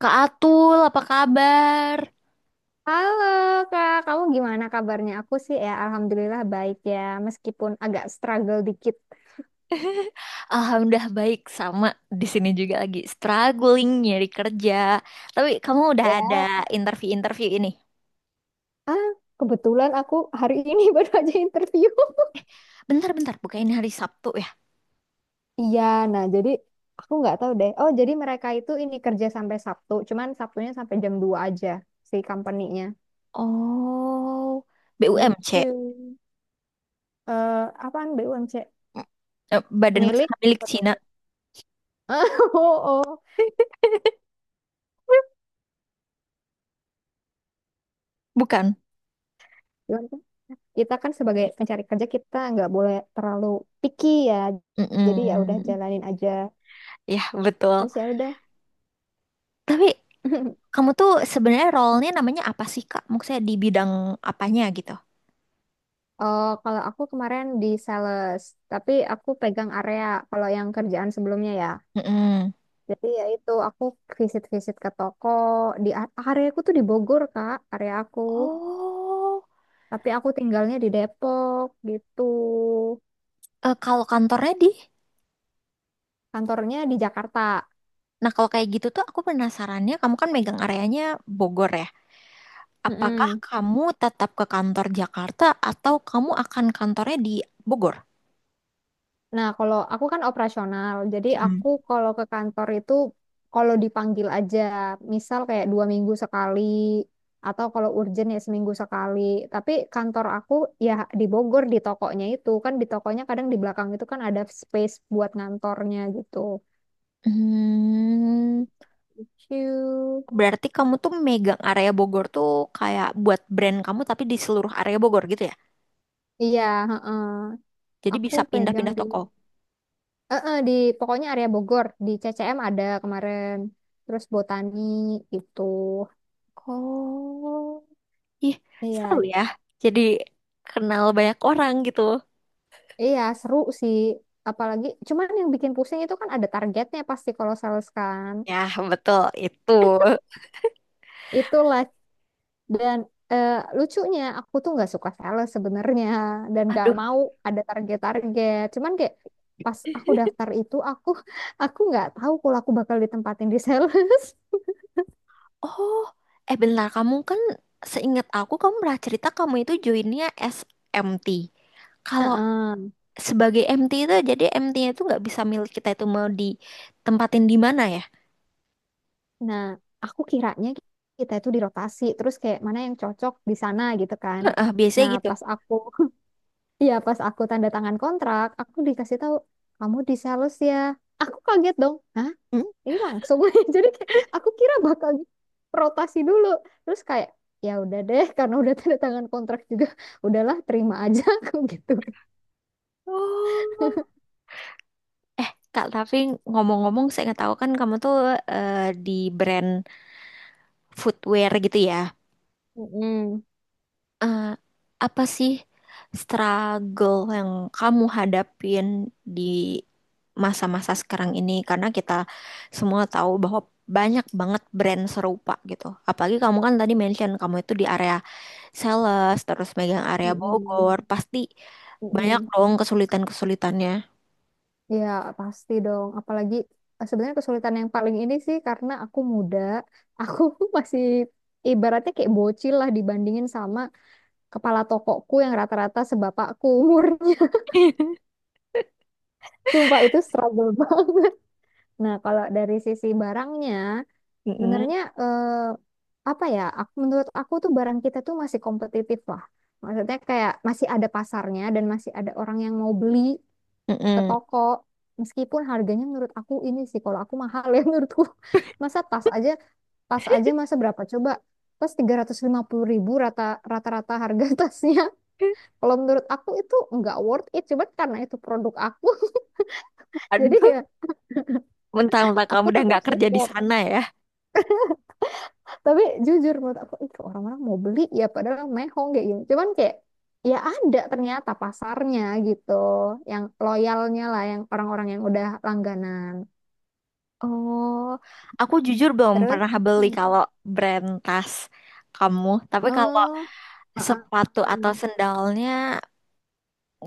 Kak Atul, apa kabar? Halo Kak, kamu gimana kabarnya? Aku sih ya alhamdulillah baik ya, meskipun agak struggle dikit Alhamdulillah baik, sama di sini juga lagi struggling nyari kerja. Tapi kamu udah ada ya. interview-interview ini. Ah, kebetulan aku hari ini baru aja interview. Bentar-bentar, bukannya hari Sabtu ya? Iya, nah jadi aku nggak tahu deh. Oh, jadi mereka itu ini kerja sampai Sabtu, cuman Sabtunya sampai jam 2 aja si company-nya. Oh, BUMC. Gitu. Eh, apaan BUMC? Mm, Badan Milik Usaha Milik apa tuh? Cina, Oh, oh. bukan? Cuman kan Kita kan sebagai pencari kerja, kita nggak boleh terlalu picky ya. Jadi ya udah Mm-mm. jalanin aja. Ya, betul. Terus ya udah. Tapi kamu tuh sebenarnya role-nya namanya apa sih, Kak? Maksudnya di bidang apanya gitu? Oh, kalau aku kemarin di sales, tapi aku pegang area kalau yang kerjaan sebelumnya ya. Mm-mm. Jadi ya itu aku visit-visit ke toko di area, aku tuh di Bogor, Kak, area aku. Oh, Tapi aku tinggalnya di Depok gitu. Kalau kantornya di? Kantornya di Jakarta. Nah, kalau kayak gitu tuh aku penasarannya, kamu kan megang areanya Bogor ya. Apakah Mm-mm. kamu tetap ke kantor Jakarta atau kamu akan kantornya di Bogor? Nah, kalau aku kan operasional, jadi aku kalau ke kantor itu kalau dipanggil aja, misal kayak 2 minggu sekali, atau kalau urgent ya seminggu sekali. Tapi kantor aku ya di Bogor, di tokonya itu kan, di tokonya kadang di belakang itu kan ada space buat ngantornya gitu. Hmm, Ciu. Berarti kamu tuh megang area Bogor tuh kayak buat brand kamu tapi di seluruh area Bogor gitu ya. Iya, heeh. Jadi Aku bisa pegang pindah-pindah di, toko. Di pokoknya area Bogor, di CCM ada kemarin, terus Botani gitu. Oh, ih, seru Iya, ya. Jadi kenal banyak orang gitu. iya, seru sih. Apalagi, cuman yang bikin pusing itu kan ada targetnya pasti kalau sales kan. Ya, betul itu. Itulah. Dan, eh, lucunya, aku tuh nggak suka sales sebenarnya. Dan nggak Aduh. mau ada target-target. Cuman kayak pas aku daftar itu, aku aku nggak tahu kalau aku bakal ditempatin di sales. Oh, bentar, kamu kan seingat aku kamu pernah cerita kamu itu joinnya SMT. Kalau Heeh. sebagai MT itu jadi MT-nya itu nggak bisa milik kita itu mau ditempatin di mana ya? Nah, aku kiranya kita itu dirotasi. Terus kayak mana yang cocok di sana gitu kan. Heeh, biasanya Nah, gitu. pas aku iya, pas aku tanda tangan kontrak, aku dikasih tahu kamu di sales ya. Aku kaget dong. Hah? Hmm? Ini langsung. Jadi kayak aku kira bakal rotasi dulu. Terus kayak ya udah deh karena udah tanda tangan kontrak juga, udahlah terima aja aku gitu. Oh. Eh, Kak, tapi ngomong-ngomong seingat aku kan kamu tuh eh, di brand footwear gitu ya. Mm-mm. eh, apa sih struggle yang kamu hadapin di masa-masa sekarang ini? Karena kita semua tahu bahwa banyak banget brand serupa gitu. Apalagi kamu kan tadi mention kamu itu di area sales, terus megang area Mm-mm. Bogor, pasti banyak Mm-mm. dong kesulitan-kesulitannya. Ya, pasti dong. Apalagi sebenarnya kesulitan yang paling ini sih karena aku muda, aku masih ibaratnya kayak bocil lah dibandingin sama kepala tokoku yang rata-rata sebapakku umur. Sumpah itu struggle banget. Nah, kalau dari sisi barangnya, Mm-mm. sebenarnya apa ya? Menurut aku tuh barang kita tuh masih kompetitif lah. Maksudnya kayak masih ada pasarnya dan masih ada orang yang mau beli ke Mm-mm. toko. Meskipun harganya menurut aku ini sih, kalau aku mahal ya menurutku. Masa tas aja masa berapa coba? Tas 350.000, rata-rata harga tasnya. Kalau menurut aku itu nggak worth it. Cuman karena itu produk aku. Jadi Aduh, ya mentang-mentang kamu aku udah tetap nggak kerja di support. sana ya. Tapi jujur menurut aku itu orang-orang mau beli ya padahal mehong kayak gini, cuman kayak ya ada ternyata pasarnya gitu, yang loyalnya lah, yang orang-orang yang udah langganan. Oh, aku jujur belum Terus pernah beli hmm, kalau brand tas kamu. Tapi kalau oh, heeh, sepatu atau sendalnya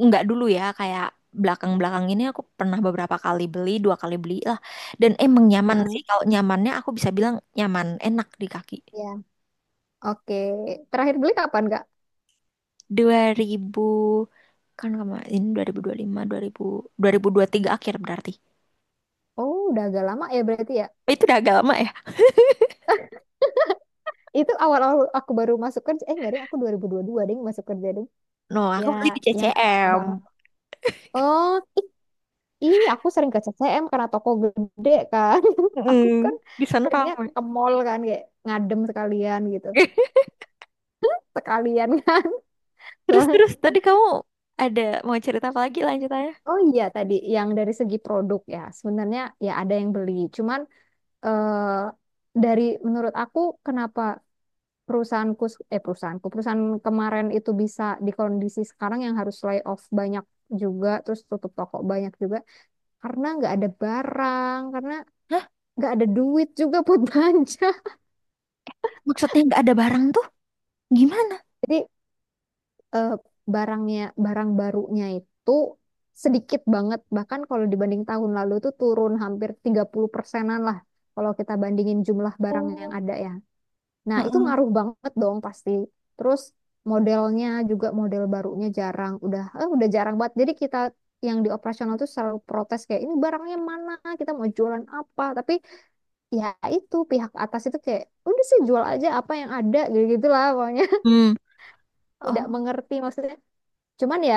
nggak dulu ya, kayak belakang-belakang ini aku pernah beberapa kali beli, dua kali beli lah. Dan emang nyaman sih. heeh, Kalau nyamannya aku bisa bilang nyaman, enak di kaki. ya, oke. Terakhir beli kapan Kak? Dua ribu kan kemarin dua dua dua puluh lima, dua ribu ribu ribu puluh lima dua puluh tiga akhir berarti. Oh, udah agak lama ya berarti, ya. Oh, itu udah agak lama ya? Itu awal-awal aku baru masuk kerja, eh, enggak deh, aku dua ribu dua deh masuk kerja deh. No, Ya, aku beli di yang nggak lama banget. CCM. Oh. Ih, aku sering ke CCM karena toko gede kan. Aku kan Mm, di sana seringnya ramai. ke mall kan kayak ngadem sekalian gitu. Sekalian. Terus Soalnya- terus tadi kamu ada mau cerita apa lagi lanjutannya? Oh iya, tadi yang dari segi produk ya. Sebenarnya ya ada yang beli. Cuman eh, dari menurut aku kenapa perusahaanku eh perusahaanku perusahaan kemarin itu bisa di kondisi sekarang yang harus layoff banyak juga, terus tutup toko banyak juga, karena nggak ada barang, karena Hah? nggak ada duit juga buat belanja. Maksudnya nggak ada barang tuh? Gimana? Jadi, eh, barang barunya itu sedikit banget, bahkan kalau dibanding tahun lalu itu turun hampir 30 persenan lah kalau kita bandingin jumlah barang yang Oh. ada ya. Nah, itu Heeh. ngaruh banget dong pasti. Terus modelnya juga, model barunya jarang, udah jarang banget. Jadi kita yang di operasional tuh selalu protes kayak ini barangnya mana, kita mau jualan apa. Tapi ya itu pihak atas itu kayak udah sih jual aja apa yang ada gitu-gitulah pokoknya. Hmm. Tidak Oh. mengerti maksudnya. Cuman ya,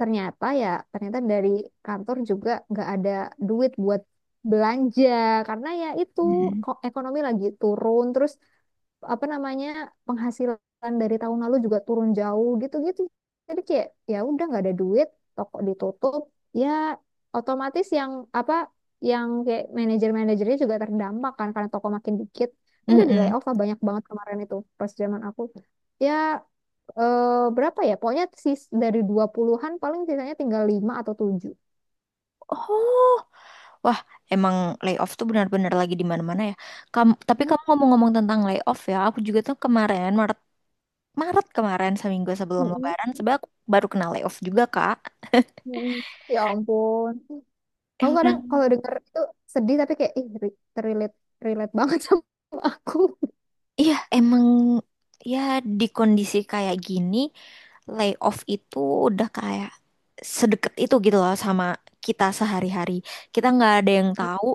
ternyata dari kantor juga nggak ada duit buat belanja karena ya itu, Hmm. Ekonomi lagi turun, terus apa namanya, penghasilan dari tahun lalu juga turun jauh gitu-gitu. Jadi kayak ya udah nggak ada duit, toko ditutup, ya otomatis yang apa, yang kayak manajer-manajernya juga terdampak kan karena toko makin dikit. Udah di Mm-mm. layoff lah banyak banget kemarin itu pas zaman aku. Ya, eh, berapa ya? Pokoknya sis dari 20-an paling sisanya tinggal 5 atau tujuh. Oh. Wah, emang layoff tuh benar-benar lagi di mana-mana ya. Kamu, tapi Mm, kamu ngomong-ngomong tentang layoff ya, aku juga tuh kemarin Maret, Maret kemarin seminggu sebelum mm, Lebaran, sebab aku baru kena layoff juga, Kak. mm. Ya ampun. Aku kadang Emang. kalau denger itu sedih tapi kayak ih, re- relate relate banget sama aku. Iya, emang ya di kondisi kayak gini, layoff itu udah kayak sedekat itu gitu loh sama kita sehari-hari. Kita nggak ada yang tahu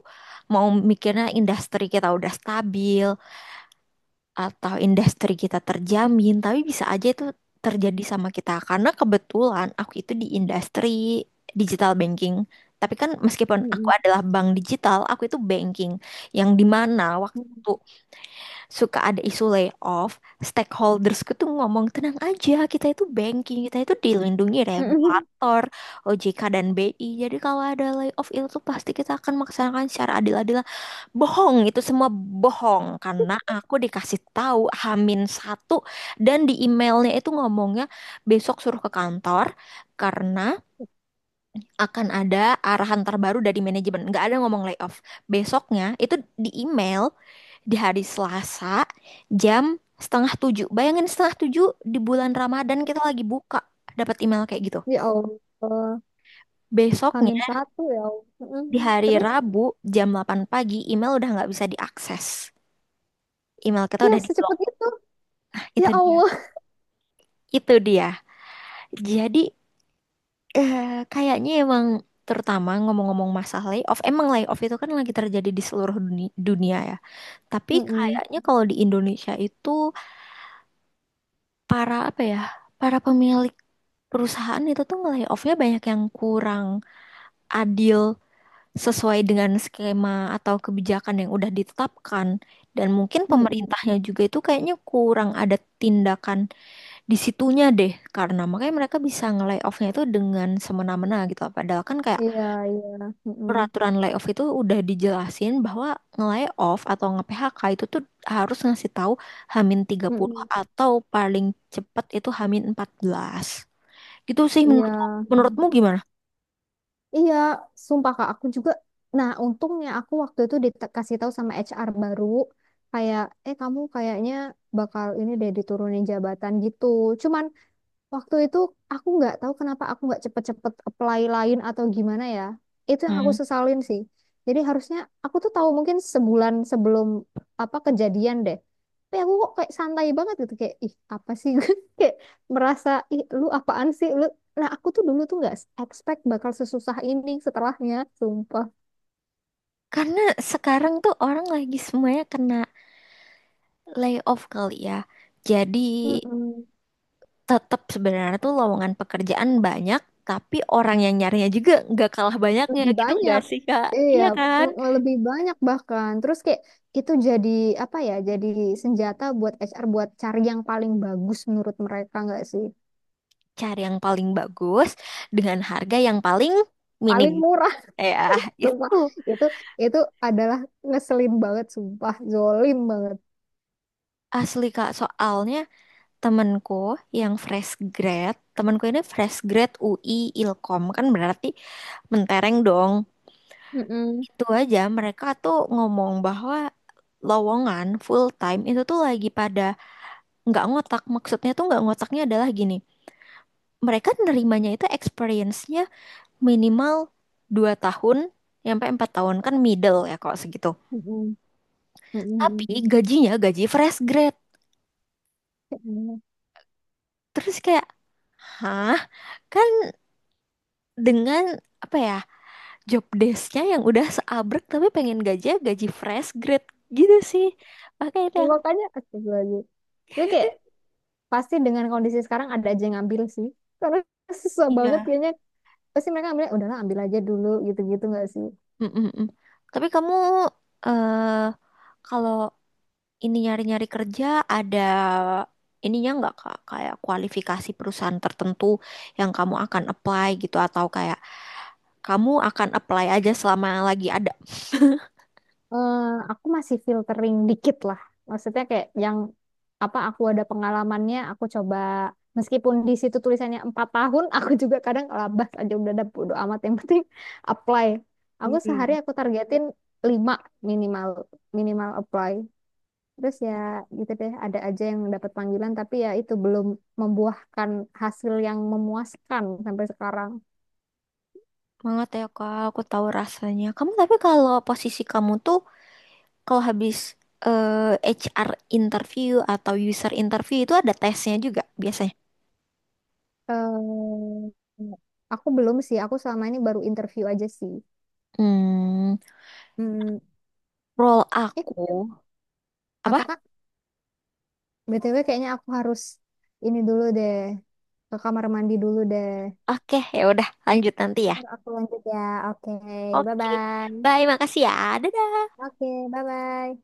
mau mikirnya industri kita udah stabil atau industri kita terjamin, tapi bisa aja itu terjadi sama kita. Karena kebetulan aku itu di industri digital banking. Tapi kan meskipun aku Mm, adalah bank digital, aku itu banking yang dimana mm, waktu suka ada isu layoff, stakeholdersku tuh ngomong tenang aja, kita itu banking, kita itu dilindungi mm. regulator, OJK dan BI. Jadi kalau ada layoff itu tuh pasti kita akan melaksanakan secara adil-adil. Bohong, itu semua bohong karena aku dikasih tahu H-1 dan di emailnya itu ngomongnya besok suruh ke kantor karena akan ada arahan terbaru dari manajemen. Nggak ada ngomong layoff. Besoknya itu di email di hari Selasa jam setengah tujuh. Bayangin setengah tujuh di bulan Ramadan kita lagi buka dapat email kayak gitu. Ya Allah, Besoknya Hamin satu ya Allah. Mm. di hari Terus, Rabu jam 8 pagi email udah nggak bisa diakses. Email kita ya, udah diblok. secepat itu. Ya Itu dia. Allah. Itu dia. Jadi eh, kayaknya emang terutama ngomong-ngomong masalah layoff, emang layoff itu kan lagi terjadi di seluruh dunia ya. Tapi Mm, mm, kayaknya kalau di Indonesia itu para apa ya, para pemilik perusahaan itu tuh nge-layoff-nya banyak yang kurang adil sesuai dengan skema atau kebijakan yang udah ditetapkan. Dan mungkin mm, mm. pemerintahnya juga itu kayaknya kurang ada tindakan di situnya deh, karena makanya mereka bisa nge-layoff-nya itu dengan semena-mena gitu. Padahal kan kayak Iya, iya. Mm, mm, peraturan layoff itu udah dijelasin bahwa nge-layoff atau nge-PHK itu tuh harus ngasih tahu Hamin tiga mm, puluh mm. atau paling cepat itu H-14. Gitu sih Iya. menurutmu gimana? Iya, sumpah Kak, aku juga. Nah, untungnya aku waktu itu dikasih tahu sama HR baru, kayak, kamu kayaknya bakal ini deh, diturunin jabatan gitu. Cuman waktu itu aku nggak tahu kenapa aku nggak cepet-cepet apply lain atau gimana ya. Itu yang aku Hmm. sesalin sih. Jadi harusnya aku tuh tahu mungkin sebulan sebelum apa kejadian deh. Tapi aku kok kayak santai banget gitu, kayak ih apa sih kayak merasa ih lu apaan sih lu. Nah, aku tuh dulu tuh nggak expect bakal sesusah ini setelahnya, sumpah. Karena sekarang tuh orang lagi semuanya kena layoff kali ya. Jadi Mm-mm. tetap sebenarnya tuh lowongan pekerjaan banyak, tapi orang yang nyarinya juga nggak kalah banyaknya Lebih gitu nggak banyak, sih, Kak? iya. Iya kan? Mm, mm. Lebih banyak bahkan, terus kayak itu jadi, apa ya, jadi senjata buat HR buat cari yang paling bagus menurut mereka, nggak sih? Cari yang paling bagus dengan harga yang paling minim. Paling murah. Ya, itu Sumpah, itu itu adalah ngeselin banget. Sumpah, zolim banget. asli Kak. Soalnya temenku yang fresh grad, temenku ini fresh grad UI Ilkom kan berarti mentereng dong. Mm-mm. Itu aja mereka tuh ngomong bahwa lowongan full time itu tuh lagi pada nggak ngotak. Maksudnya tuh nggak ngotaknya adalah gini. Mereka nerimanya itu experience-nya minimal 2 tahun sampai 4 tahun kan middle ya kok segitu. Mm-mm. Mm-mm. Tapi gajinya gaji fresh grade. Mm-mm. Terus kayak, hah? Kan dengan apa ya job desk-nya yang udah seabrek tapi pengen gajinya gaji fresh grade gitu sih. Makanya itu Ya, yang makanya aku lagi jadi kayak, pasti dengan kondisi sekarang ada aja yang ngambil sih karena susah banget iya. kayaknya, pasti mereka ambil udahlah, ambil aja dulu, gitu-gitu nggak sih? Mm, mm, mm. Tapi kamu eh kalau ini nyari-nyari kerja ada ininya nggak Kak? Kayak kualifikasi perusahaan tertentu yang kamu akan apply gitu atau kayak kamu akan apply aja selama lagi ada. eh, aku masih filtering dikit lah. Maksudnya kayak yang apa aku ada pengalamannya, aku coba meskipun di situ tulisannya 4 tahun, aku juga kadang labas aja udah ada bodo amat yang penting apply. Aku sehari aku targetin lima minimal minimal apply. Terus ya gitu deh, ada aja yang dapat panggilan tapi ya itu belum membuahkan hasil yang memuaskan sampai sekarang. banget ya kak, aku tahu rasanya. Kamu tapi kalau posisi kamu tuh kalau habis eh, HR interview atau user interview itu ada tesnya juga biasanya. Eh, aku belum sih, aku selama ini baru interview aja sih. Hmm, Hmm. Role Eh, aku apa apa? Kak? BTW kayaknya aku harus ini dulu deh. Ke kamar mandi dulu deh. Oke, ya udah lanjut nanti ya. Ntar aku lanjut ya. Oke, Oke, bye-bye. bye, makasih ya, dadah. Oke, bye-bye.